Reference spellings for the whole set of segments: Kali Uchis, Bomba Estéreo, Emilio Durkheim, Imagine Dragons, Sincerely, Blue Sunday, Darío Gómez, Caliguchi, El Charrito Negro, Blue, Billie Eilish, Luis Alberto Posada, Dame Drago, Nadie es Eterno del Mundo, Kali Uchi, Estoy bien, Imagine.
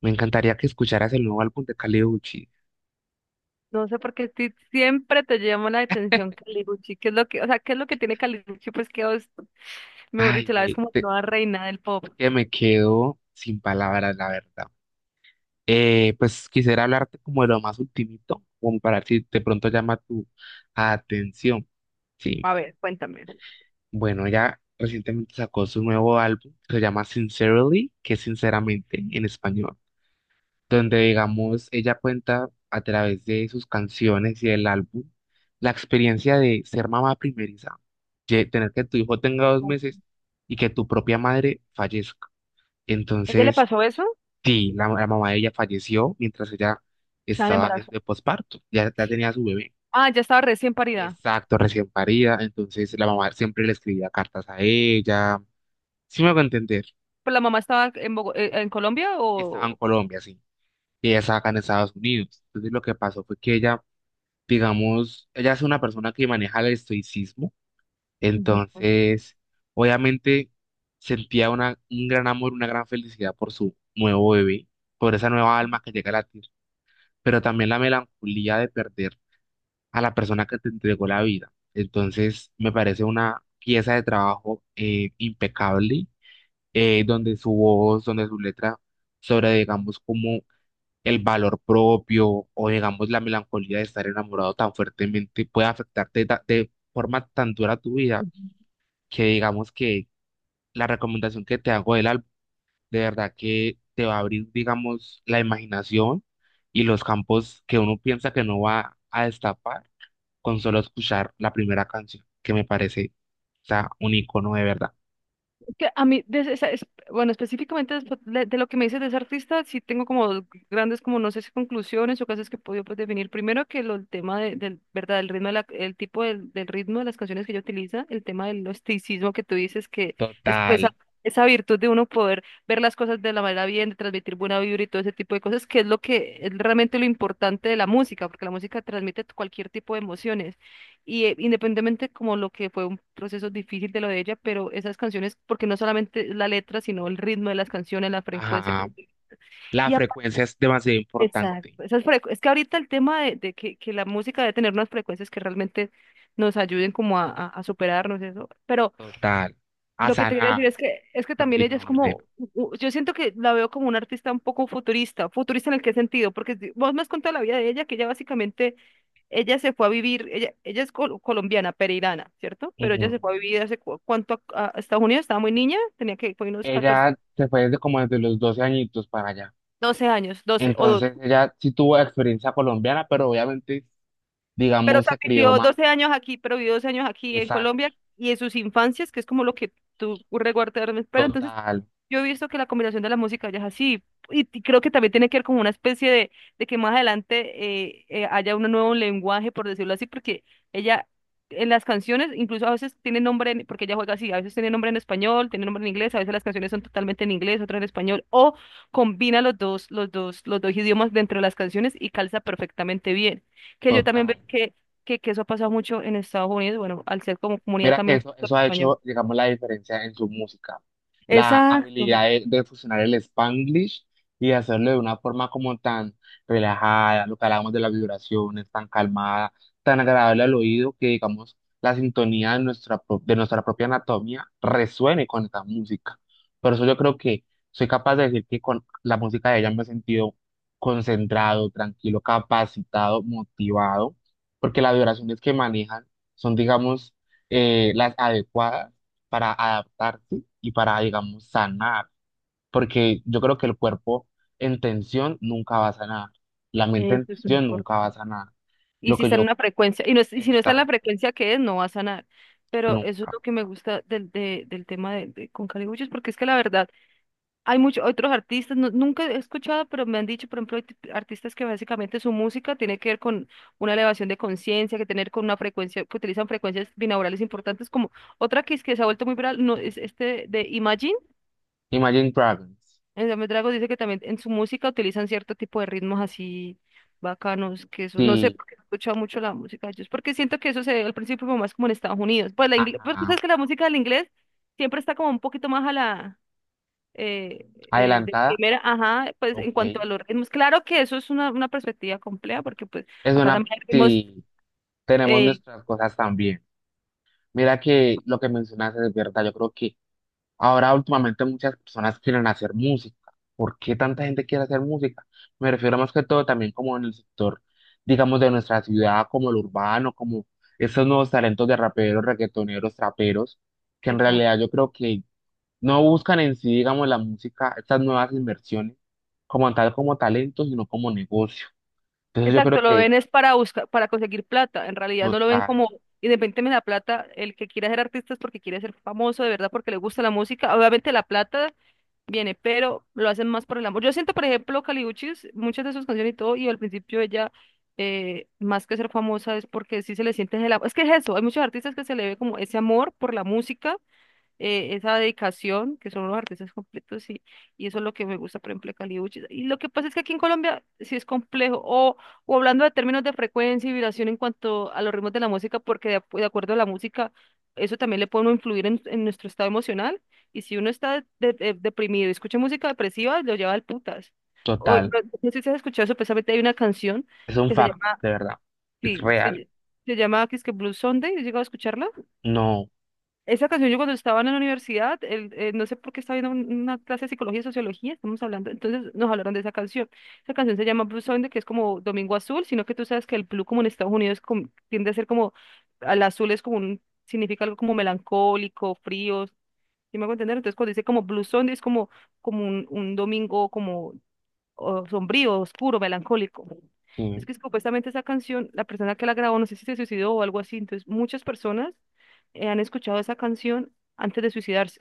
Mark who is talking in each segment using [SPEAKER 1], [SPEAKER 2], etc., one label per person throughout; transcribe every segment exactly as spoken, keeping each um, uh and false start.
[SPEAKER 1] Me encantaría que escucharas el nuevo álbum de Kali Uchi.
[SPEAKER 2] No sé por qué sí- siempre te llama la atención Caliguchi. ¿Qué es lo que, o sea, qué es lo que tiene Caliguchi? Pues que, os- mejor
[SPEAKER 1] Ay,
[SPEAKER 2] dicho, la ves
[SPEAKER 1] ve,
[SPEAKER 2] como
[SPEAKER 1] te-
[SPEAKER 2] nueva reina del pop.
[SPEAKER 1] que me quedo sin palabras, la verdad. Eh, pues quisiera hablarte como de lo más ultimito, como para ver si de pronto llama tu atención. Sí,
[SPEAKER 2] A ver, cuéntame.
[SPEAKER 1] bueno, ella recientemente sacó su nuevo álbum, que se llama Sincerely, que es sinceramente en español. Donde, digamos, ella cuenta a través de sus canciones y del álbum la experiencia de ser mamá primeriza, de tener que tu hijo tenga dos meses y que tu propia madre fallezca.
[SPEAKER 2] ¿Ella le
[SPEAKER 1] Entonces,
[SPEAKER 2] pasó eso?
[SPEAKER 1] sí, la, la mamá de ella falleció mientras ella
[SPEAKER 2] Estaba en
[SPEAKER 1] estaba de
[SPEAKER 2] embarazo.
[SPEAKER 1] de posparto, ya, ya tenía su bebé.
[SPEAKER 2] Ah, ya estaba recién parida.
[SPEAKER 1] Exacto, recién parida, entonces la mamá siempre le escribía cartas a ella. Sí me a entender,
[SPEAKER 2] ¿Pero la mamá estaba en, Bogo- eh, en Colombia
[SPEAKER 1] estaba en
[SPEAKER 2] o...?
[SPEAKER 1] Colombia, sí, y ella estaba acá en Estados Unidos. Entonces lo que pasó fue que ella, digamos, ella es una persona que maneja el estoicismo,
[SPEAKER 2] Ujú.
[SPEAKER 1] entonces, obviamente, sentía una, un gran amor, una gran felicidad por su nuevo bebé, por esa nueva alma que llega a latir, pero también la melancolía de perder a la persona que te entregó la vida. Entonces, me parece una pieza de trabajo eh, impecable, eh, donde su voz, donde su letra, sobre, digamos, cómo el valor propio o digamos la melancolía de estar enamorado tan fuertemente puede afectarte ta- de forma tan dura tu vida, que digamos que la recomendación que te hago del álbum de verdad que te va a abrir digamos la imaginación y los campos que uno piensa que no va a destapar con solo escuchar la primera canción, que me parece, o sea, un icono de verdad.
[SPEAKER 2] Que a mí, de esa- es- Bueno, específicamente después de, de lo que me dices de ese artista, sí tengo como dos grandes, como no sé si conclusiones o cosas que he podido, pues, definir. Primero que lo, el tema de- del, ¿verdad? El ritmo, de la- el tipo del, del ritmo de las canciones que ella utiliza, el tema del misticismo que tú dices, que es como
[SPEAKER 1] Total.
[SPEAKER 2] esa, esa virtud de uno poder ver las cosas de la manera bien, de transmitir buena vibra y todo ese tipo de cosas, que es lo que es realmente lo importante de la música, porque la música transmite cualquier tipo de emociones. Y eh, independientemente como lo que fue un proceso difícil de lo de ella, pero esas canciones, porque no solamente es la letra, sino el ritmo de las canciones, la frecuencia que
[SPEAKER 1] Ajá. La
[SPEAKER 2] y aparte,
[SPEAKER 1] frecuencia es demasiado importante.
[SPEAKER 2] exacto, esas frecu- es que ahorita el tema de, de que, que la música debe tener unas frecuencias que realmente nos ayuden como a, a, a superarnos eso, pero
[SPEAKER 1] Total. A
[SPEAKER 2] lo que te quiero decir
[SPEAKER 1] sanar.
[SPEAKER 2] es que, es que también ella
[SPEAKER 1] Continúa
[SPEAKER 2] es
[SPEAKER 1] mi rey.
[SPEAKER 2] como, u- u- yo siento que la veo como una artista un poco futurista, futurista en el qué sentido, porque si- vos me has contado la vida de ella, que ella básicamente ella se fue a vivir, ella, ella es col- colombiana, pereirana, ¿cierto? Pero ella se
[SPEAKER 1] Ujú.
[SPEAKER 2] fue a vivir hace cu- cuánto a, a Estados Unidos, estaba muy niña, tenía que, fue unos catorce
[SPEAKER 1] Ella se fue desde como desde los doce añitos para allá.
[SPEAKER 2] doce años, doce o doce.
[SPEAKER 1] Entonces ella sí tuvo experiencia colombiana, pero obviamente,
[SPEAKER 2] Pero, o
[SPEAKER 1] digamos,
[SPEAKER 2] sea,
[SPEAKER 1] se crió
[SPEAKER 2] vivió
[SPEAKER 1] más.
[SPEAKER 2] doce años aquí, pero vivió doce años aquí en
[SPEAKER 1] Exacto,
[SPEAKER 2] Colombia y en sus infancias, que es como lo que tú recuerdas. Pero entonces,
[SPEAKER 1] total,
[SPEAKER 2] yo he visto que la combinación de la música ya es así. Y, y creo que también tiene que ver como una especie de, de que más adelante eh, eh, haya un nuevo lenguaje, por decirlo así, porque ella en las canciones, incluso a veces tiene nombre, en- porque ella juega así, a veces tiene nombre en español, tiene nombre en inglés, a veces las canciones son totalmente en inglés, otras en español, o combina los dos, los dos, los dos idiomas dentro de las canciones y calza perfectamente bien que yo también veo
[SPEAKER 1] total.
[SPEAKER 2] que que, que eso ha pasado mucho en Estados Unidos, bueno, al ser como comunidad
[SPEAKER 1] Mira que
[SPEAKER 2] también
[SPEAKER 1] eso, eso ha
[SPEAKER 2] español.
[SPEAKER 1] hecho, digamos, la diferencia en su música. La habilidad
[SPEAKER 2] Exacto,
[SPEAKER 1] de, de fusionar el Spanglish y hacerlo de una forma como tan relajada, lo que hablábamos de las vibraciones, tan calmada, tan agradable al oído, que digamos, la sintonía de nuestra, pro- de nuestra propia anatomía resuene con esta música. Por eso yo creo que soy capaz de decir que con la música de ella me he sentido concentrado, tranquilo, capacitado, motivado, porque las vibraciones que manejan son, digamos, eh, las adecuadas para adaptarse y para, digamos, sanar, porque yo creo que el cuerpo en tensión nunca va a sanar, la mente en
[SPEAKER 2] eso es
[SPEAKER 1] tensión nunca va a
[SPEAKER 2] importante.
[SPEAKER 1] sanar,
[SPEAKER 2] Y
[SPEAKER 1] lo
[SPEAKER 2] si
[SPEAKER 1] que
[SPEAKER 2] está en
[SPEAKER 1] yo
[SPEAKER 2] una frecuencia, y, no, es- y si no está en la
[SPEAKER 1] está
[SPEAKER 2] frecuencia que es, no va a sanar. Pero eso es
[SPEAKER 1] nunca.
[SPEAKER 2] lo que me gusta del, de- del tema de, de- con Caliguchos, porque es que la verdad, hay muchos otros artistas, no- nunca he escuchado, pero me han dicho, por ejemplo, hay tip- artistas que básicamente su música tiene que ver con una elevación de conciencia, que tener con una frecuencia, que utilizan frecuencias binaurales importantes, como otra que, es que se ha vuelto muy viral, no, es este de Imagine.
[SPEAKER 1] Imagine Dragons,
[SPEAKER 2] En Dame Drago dice que también en su música utilizan cierto tipo de ritmos así bacanos, que eso, no sé,
[SPEAKER 1] sí,
[SPEAKER 2] porque he escuchado mucho la música de ellos, porque siento que eso se ve al principio como más como en Estados Unidos. Pues la ingle- porque
[SPEAKER 1] ajá,
[SPEAKER 2] sabes que la música del inglés siempre está como un poquito más a la eh, eh, de
[SPEAKER 1] adelantada,
[SPEAKER 2] primera, ajá, pues en
[SPEAKER 1] ok,
[SPEAKER 2] cuanto a los ritmos. Claro que eso es una, una perspectiva compleja, porque pues
[SPEAKER 1] es
[SPEAKER 2] acá
[SPEAKER 1] una,
[SPEAKER 2] también hay ritmos,
[SPEAKER 1] sí, tenemos
[SPEAKER 2] eh,
[SPEAKER 1] nuestras cosas también. Mira que lo que mencionaste es verdad, yo creo que ahora últimamente muchas personas quieren hacer música. ¿Por qué tanta gente quiere hacer música? Me refiero más que todo también como en el sector, digamos, de nuestra ciudad, como el urbano, como esos nuevos talentos de raperos, reggaetoneros, traperos, que en realidad yo creo que no buscan en sí, digamos, la música, estas nuevas inversiones, como tal, como talento, sino como negocio. Entonces yo
[SPEAKER 2] Exacto,
[SPEAKER 1] creo
[SPEAKER 2] lo
[SPEAKER 1] que
[SPEAKER 2] ven es para buscar, para conseguir plata. En realidad no lo ven
[SPEAKER 1] total,
[SPEAKER 2] como, independientemente de la plata, el que quiere ser artista es porque quiere ser famoso, de verdad, porque le gusta la música. Obviamente la plata viene, pero lo hacen más por el amor. Yo siento, por ejemplo, Kali Uchis, muchas de sus canciones y todo, y al principio ella, eh, más que ser famosa, es porque sí se le siente el amor. Es que es eso, hay muchos artistas que se le ve como ese amor por la música, eh, esa dedicación, que son los artistas completos, y, y eso es lo que me gusta, por ejemplo, de Kali. Y lo que pasa es que aquí en Colombia sí es complejo, o, o hablando de términos de frecuencia y vibración en cuanto a los ritmos de la música, porque de, acu- de acuerdo a la música, eso también le puede uno influir en, en nuestro estado emocional, y si uno está de- de- deprimido y escucha música depresiva, lo lleva al putas. O, no,
[SPEAKER 1] total,
[SPEAKER 2] no sé si has escuchado eso, precisamente hay una canción
[SPEAKER 1] es un
[SPEAKER 2] que se
[SPEAKER 1] facto,
[SPEAKER 2] llama,
[SPEAKER 1] de verdad, es
[SPEAKER 2] sí, se,
[SPEAKER 1] real.
[SPEAKER 2] ll- se llama que es que Blue Sunday, ¿has llegado a escucharla?
[SPEAKER 1] No,
[SPEAKER 2] Esa canción, yo cuando estaba en la universidad, el- eh, no sé por qué estaba viendo un- una clase de psicología y sociología, estamos hablando, entonces nos hablaron de esa canción. Esa canción se llama Blue Sunday, que es como Domingo Azul, sino que tú sabes que el blue como en Estados Unidos com- tiende a ser como, al azul es como un, significa algo como melancólico, frío, ¿sí me hago entender? Entonces cuando dice como Blue Sunday es como, como un, un domingo como o sombrío, oscuro, melancólico. Es
[SPEAKER 1] sí,
[SPEAKER 2] que supuestamente esa canción, la persona que la grabó, no sé si se suicidó o algo así, entonces muchas personas, eh, han escuchado esa canción antes de suicidarse,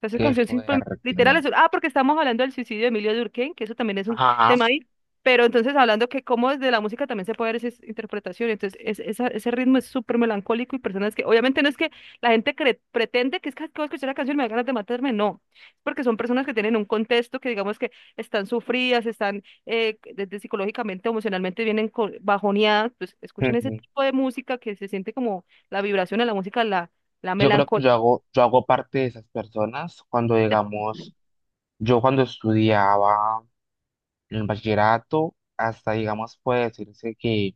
[SPEAKER 2] sea, esa
[SPEAKER 1] qué
[SPEAKER 2] canción simplemente, literal,
[SPEAKER 1] fuerte.
[SPEAKER 2] es, un- ah, porque estamos hablando del suicidio de Emilio Durkheim, que eso también es un
[SPEAKER 1] Ajá.
[SPEAKER 2] tema ahí, pero entonces hablando que cómo desde la música también se puede ver esa interpretación, entonces es- esa- ese ritmo es súper melancólico y personas que, obviamente no es que la gente cre- pretende que es que acabo de escuchar la canción y me da ganas de matarme, no, es porque son personas que tienen un contexto que digamos que están sufridas, están eh, desde psicológicamente, emocionalmente vienen co- bajoneadas, pues escuchen ese
[SPEAKER 1] Mm,
[SPEAKER 2] tipo de música que se siente como la vibración de la música, la, la
[SPEAKER 1] yo creo que yo
[SPEAKER 2] melancolía.
[SPEAKER 1] hago, yo hago parte de esas personas cuando, digamos, yo cuando estudiaba el bachillerato, hasta, digamos, puede decirse que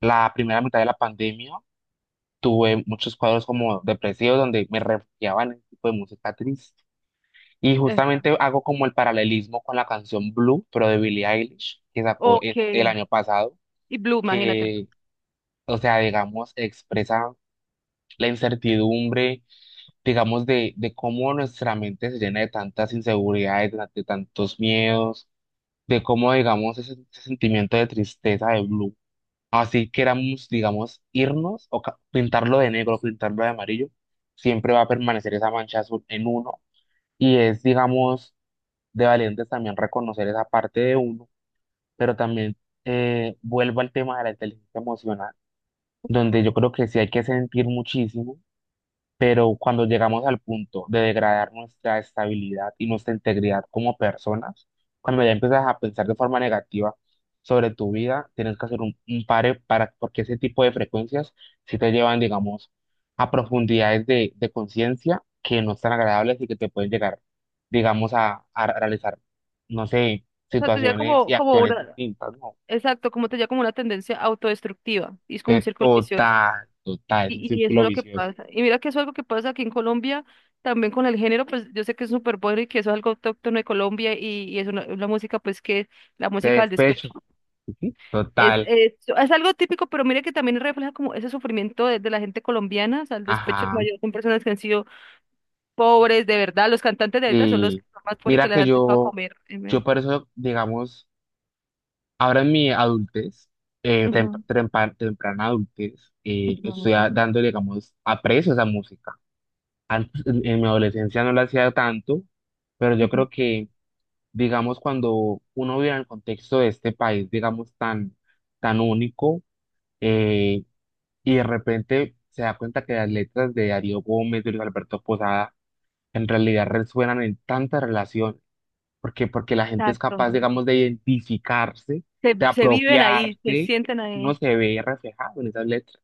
[SPEAKER 1] la primera mitad de la pandemia tuve muchos cuadros como depresivos donde me refugiaba en ese tipo de música triste. Y
[SPEAKER 2] te-
[SPEAKER 1] justamente hago como el paralelismo con la canción Blue, pero de Billie Eilish, que sacó
[SPEAKER 2] Ok,
[SPEAKER 1] e- el año pasado,
[SPEAKER 2] y Blue, imagínate.
[SPEAKER 1] que, o sea, digamos, expresa la incertidumbre, digamos, de, de cómo nuestra mente se llena de tantas inseguridades, de, ta- de tantos miedos, de cómo, digamos, ese, ese sentimiento de tristeza de Blue. Así queramos, digamos, irnos o ca- pintarlo de negro, pintarlo de amarillo, siempre va a permanecer esa mancha azul en uno. Y es, digamos, de valientes también reconocer esa parte de uno, pero también eh, vuelvo al tema de la inteligencia emocional, donde yo creo que sí hay que sentir muchísimo, pero cuando llegamos al punto de degradar nuestra estabilidad y nuestra integridad como personas, cuando ya empiezas a pensar de forma negativa sobre tu vida, tienes que hacer un, un pare para, porque ese tipo de frecuencias sí te llevan, digamos, a profundidades de, de conciencia que no están agradables y que te pueden llegar, digamos, a, a realizar, no sé,
[SPEAKER 2] O sea, tenía
[SPEAKER 1] situaciones
[SPEAKER 2] como,
[SPEAKER 1] y
[SPEAKER 2] como
[SPEAKER 1] acciones
[SPEAKER 2] una,
[SPEAKER 1] distintas, ¿no?
[SPEAKER 2] exacto, como tenía como una tendencia autodestructiva, y es como
[SPEAKER 1] Que
[SPEAKER 2] un círculo vicioso.
[SPEAKER 1] total, total, es un
[SPEAKER 2] Y, y eso es
[SPEAKER 1] círculo
[SPEAKER 2] lo que
[SPEAKER 1] vicioso.
[SPEAKER 2] pasa. Y mira que eso es algo que pasa aquí en Colombia, también con el género, pues yo sé que es súper bueno y que eso es algo autóctono de Colombia y, y es una, una música, pues que la
[SPEAKER 1] De
[SPEAKER 2] música del
[SPEAKER 1] despecho,
[SPEAKER 2] despecho.
[SPEAKER 1] sí,
[SPEAKER 2] Es,
[SPEAKER 1] total,
[SPEAKER 2] es, es algo típico, pero mira que también refleja como ese sufrimiento de, de la gente colombiana, o sea, el despecho
[SPEAKER 1] ajá.
[SPEAKER 2] mayor son personas que han sido pobres, de verdad, los cantantes de ahorita son los que
[SPEAKER 1] Y
[SPEAKER 2] son más pobres y que
[SPEAKER 1] mira
[SPEAKER 2] les
[SPEAKER 1] que
[SPEAKER 2] han dejado
[SPEAKER 1] yo,
[SPEAKER 2] comer.
[SPEAKER 1] yo por eso, digamos, ahora en mi adultez, eh, tem-
[SPEAKER 2] Ujú.
[SPEAKER 1] trempa- temprana adultez, eh, estoy a-
[SPEAKER 2] Ujú,
[SPEAKER 1] dándole, digamos, aprecio a esa música. Antes, en, en mi adolescencia no la hacía tanto, pero yo
[SPEAKER 2] ujú,
[SPEAKER 1] creo que, digamos, cuando uno vive en el contexto de este país, digamos, tan, tan único, eh, y de repente se da cuenta que las letras de Darío Gómez, de Luis Alberto Posada, en realidad resuenan en tantas relaciones porque porque la gente es
[SPEAKER 2] exacto.
[SPEAKER 1] capaz, digamos, de identificarse,
[SPEAKER 2] Se,
[SPEAKER 1] de
[SPEAKER 2] se viven ahí, se
[SPEAKER 1] apropiarse,
[SPEAKER 2] sienten
[SPEAKER 1] uno
[SPEAKER 2] ahí.
[SPEAKER 1] se ve reflejado en esas letras.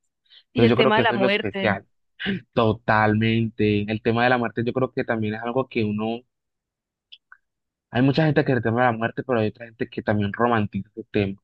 [SPEAKER 2] Y
[SPEAKER 1] Entonces
[SPEAKER 2] el
[SPEAKER 1] yo creo
[SPEAKER 2] tema
[SPEAKER 1] que
[SPEAKER 2] de la
[SPEAKER 1] eso es lo
[SPEAKER 2] muerte.
[SPEAKER 1] especial. Totalmente. El tema de la muerte yo creo que también es algo que uno, hay mucha gente que le teme a la muerte, pero hay otra gente que también romantiza ese tema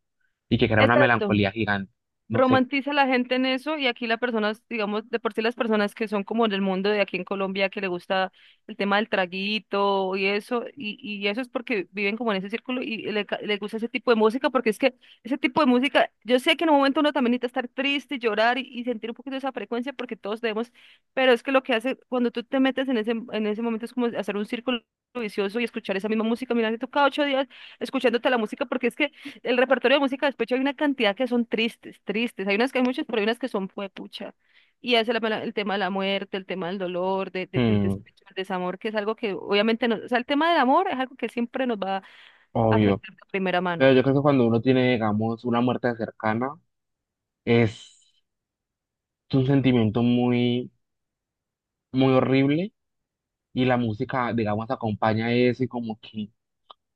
[SPEAKER 1] y que crea una
[SPEAKER 2] Exacto.
[SPEAKER 1] melancolía gigante. No sé.
[SPEAKER 2] Romantiza la gente en eso y aquí las personas, digamos, de por sí las personas que son como del mundo de aquí en Colombia, que le gusta el tema del traguito y eso, y, y eso es porque viven como en ese círculo y le, ca- le gusta ese tipo de música, porque es que ese tipo de música, yo sé que en un momento uno también necesita estar triste, llorar y, y sentir un poquito esa frecuencia porque todos debemos, pero es que lo que hace cuando tú te metes en ese, en ese momento es como hacer un círculo vicioso y escuchar esa misma música, mira, te toca ocho días escuchándote la música porque es que el repertorio de música de despecho hay una cantidad que son tristes, tristes. Hay unas que hay muchas, pero hay unas que son pucha. Y hace la- el tema de la muerte, el tema del dolor, de- de- del
[SPEAKER 1] Hmm,
[SPEAKER 2] despecho, del desamor, que es algo que obviamente nos, o sea, el tema del amor es algo que siempre nos va a
[SPEAKER 1] obvio.
[SPEAKER 2] afectar de primera
[SPEAKER 1] Pero
[SPEAKER 2] mano.
[SPEAKER 1] yo creo que cuando uno tiene, digamos, una muerte cercana, es un sentimiento muy, muy horrible, y la música, digamos, acompaña eso, y como que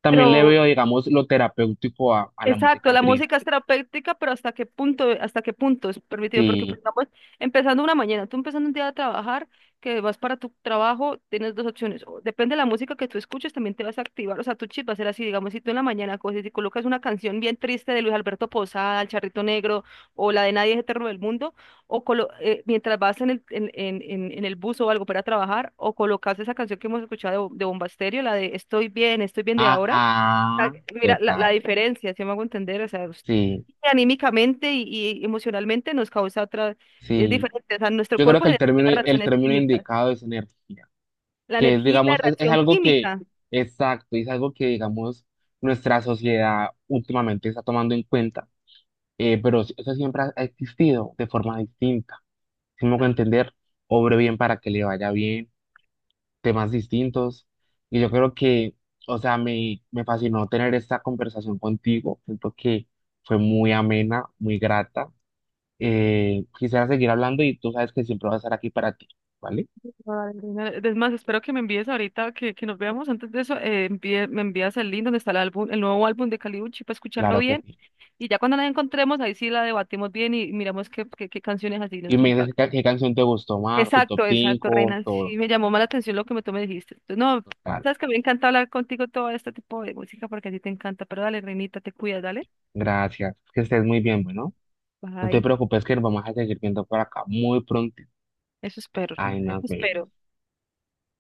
[SPEAKER 1] también le
[SPEAKER 2] Pero
[SPEAKER 1] veo, digamos, lo terapéutico a, a la
[SPEAKER 2] exacto,
[SPEAKER 1] música
[SPEAKER 2] la
[SPEAKER 1] triste.
[SPEAKER 2] música es terapéutica, pero hasta qué punto, hasta qué punto es permitido, porque por
[SPEAKER 1] Sí,
[SPEAKER 2] ejemplo, empezando una mañana, tú empezando un día a trabajar, que vas para tu trabajo, tienes dos opciones, o depende de la música que tú escuches, también te vas a activar, o sea, tu chip va a ser así, digamos, si tú en la mañana coges y colocas una canción bien triste de Luis Alberto Posada, El Charrito Negro, o la de Nadie es Eterno del Mundo, o colo- eh, mientras vas en el, en, en, en- en el bus o algo para trabajar, o colocas esa canción que hemos escuchado de, Bo- de Bomba Estéreo, la de Estoy bien, estoy bien de ahora, sea,
[SPEAKER 1] ajá,
[SPEAKER 2] mira, la, la
[SPEAKER 1] total,
[SPEAKER 2] diferencia, si me hago entender, o sea, us-
[SPEAKER 1] sí,
[SPEAKER 2] anímicamente y, y emocionalmente nos causa otra, es
[SPEAKER 1] sí.
[SPEAKER 2] diferente, o sea, nuestro
[SPEAKER 1] Yo creo
[SPEAKER 2] cuerpo
[SPEAKER 1] que el
[SPEAKER 2] genera
[SPEAKER 1] término, el
[SPEAKER 2] reacciones
[SPEAKER 1] término
[SPEAKER 2] químicas,
[SPEAKER 1] indicado es energía,
[SPEAKER 2] la
[SPEAKER 1] que es,
[SPEAKER 2] energía y la
[SPEAKER 1] digamos, es, es
[SPEAKER 2] reacción
[SPEAKER 1] algo que,
[SPEAKER 2] química.
[SPEAKER 1] exacto, es algo que, digamos, nuestra sociedad últimamente está tomando en cuenta, eh, pero eso siempre ha ha existido de forma distinta. Si me hago
[SPEAKER 2] Exacto.
[SPEAKER 1] entender, obre bien para que le vaya bien temas distintos. Y yo creo que, o sea, me, me fascinó tener esta conversación contigo. Siento que fue muy amena, muy grata. Eh, quisiera seguir hablando y tú sabes que siempre voy a estar aquí para ti, ¿vale?
[SPEAKER 2] Ay, Lina, es más, espero que me envíes ahorita, que, que nos veamos antes de eso, eh, envíe- me envías el link donde está el álbum, el nuevo álbum de Kali Uchi para escucharlo
[SPEAKER 1] Claro que
[SPEAKER 2] bien.
[SPEAKER 1] sí.
[SPEAKER 2] Y ya cuando la encontremos, ahí sí la debatimos bien y miramos qué, qué, qué canciones así
[SPEAKER 1] Y
[SPEAKER 2] nos
[SPEAKER 1] me dices qué,
[SPEAKER 2] impactan.
[SPEAKER 1] qué canción te gustó más, tu top
[SPEAKER 2] Exacto, exacto,
[SPEAKER 1] cinco
[SPEAKER 2] Reina.
[SPEAKER 1] todo.
[SPEAKER 2] Sí, me llamó más la atención lo que me- tú me dijiste. Tú- No,
[SPEAKER 1] Total.
[SPEAKER 2] sabes que me encanta hablar contigo todo este tipo de música porque a ti te encanta. Pero dale, Reinita, te cuidas, dale.
[SPEAKER 1] Gracias. Que estés muy bien, bueno. No te
[SPEAKER 2] Bye.
[SPEAKER 1] preocupes que nos vamos a seguir viendo por acá muy pronto.
[SPEAKER 2] Eso espero,
[SPEAKER 1] Ay,
[SPEAKER 2] Reina.
[SPEAKER 1] nos
[SPEAKER 2] Eso
[SPEAKER 1] vemos.
[SPEAKER 2] espero.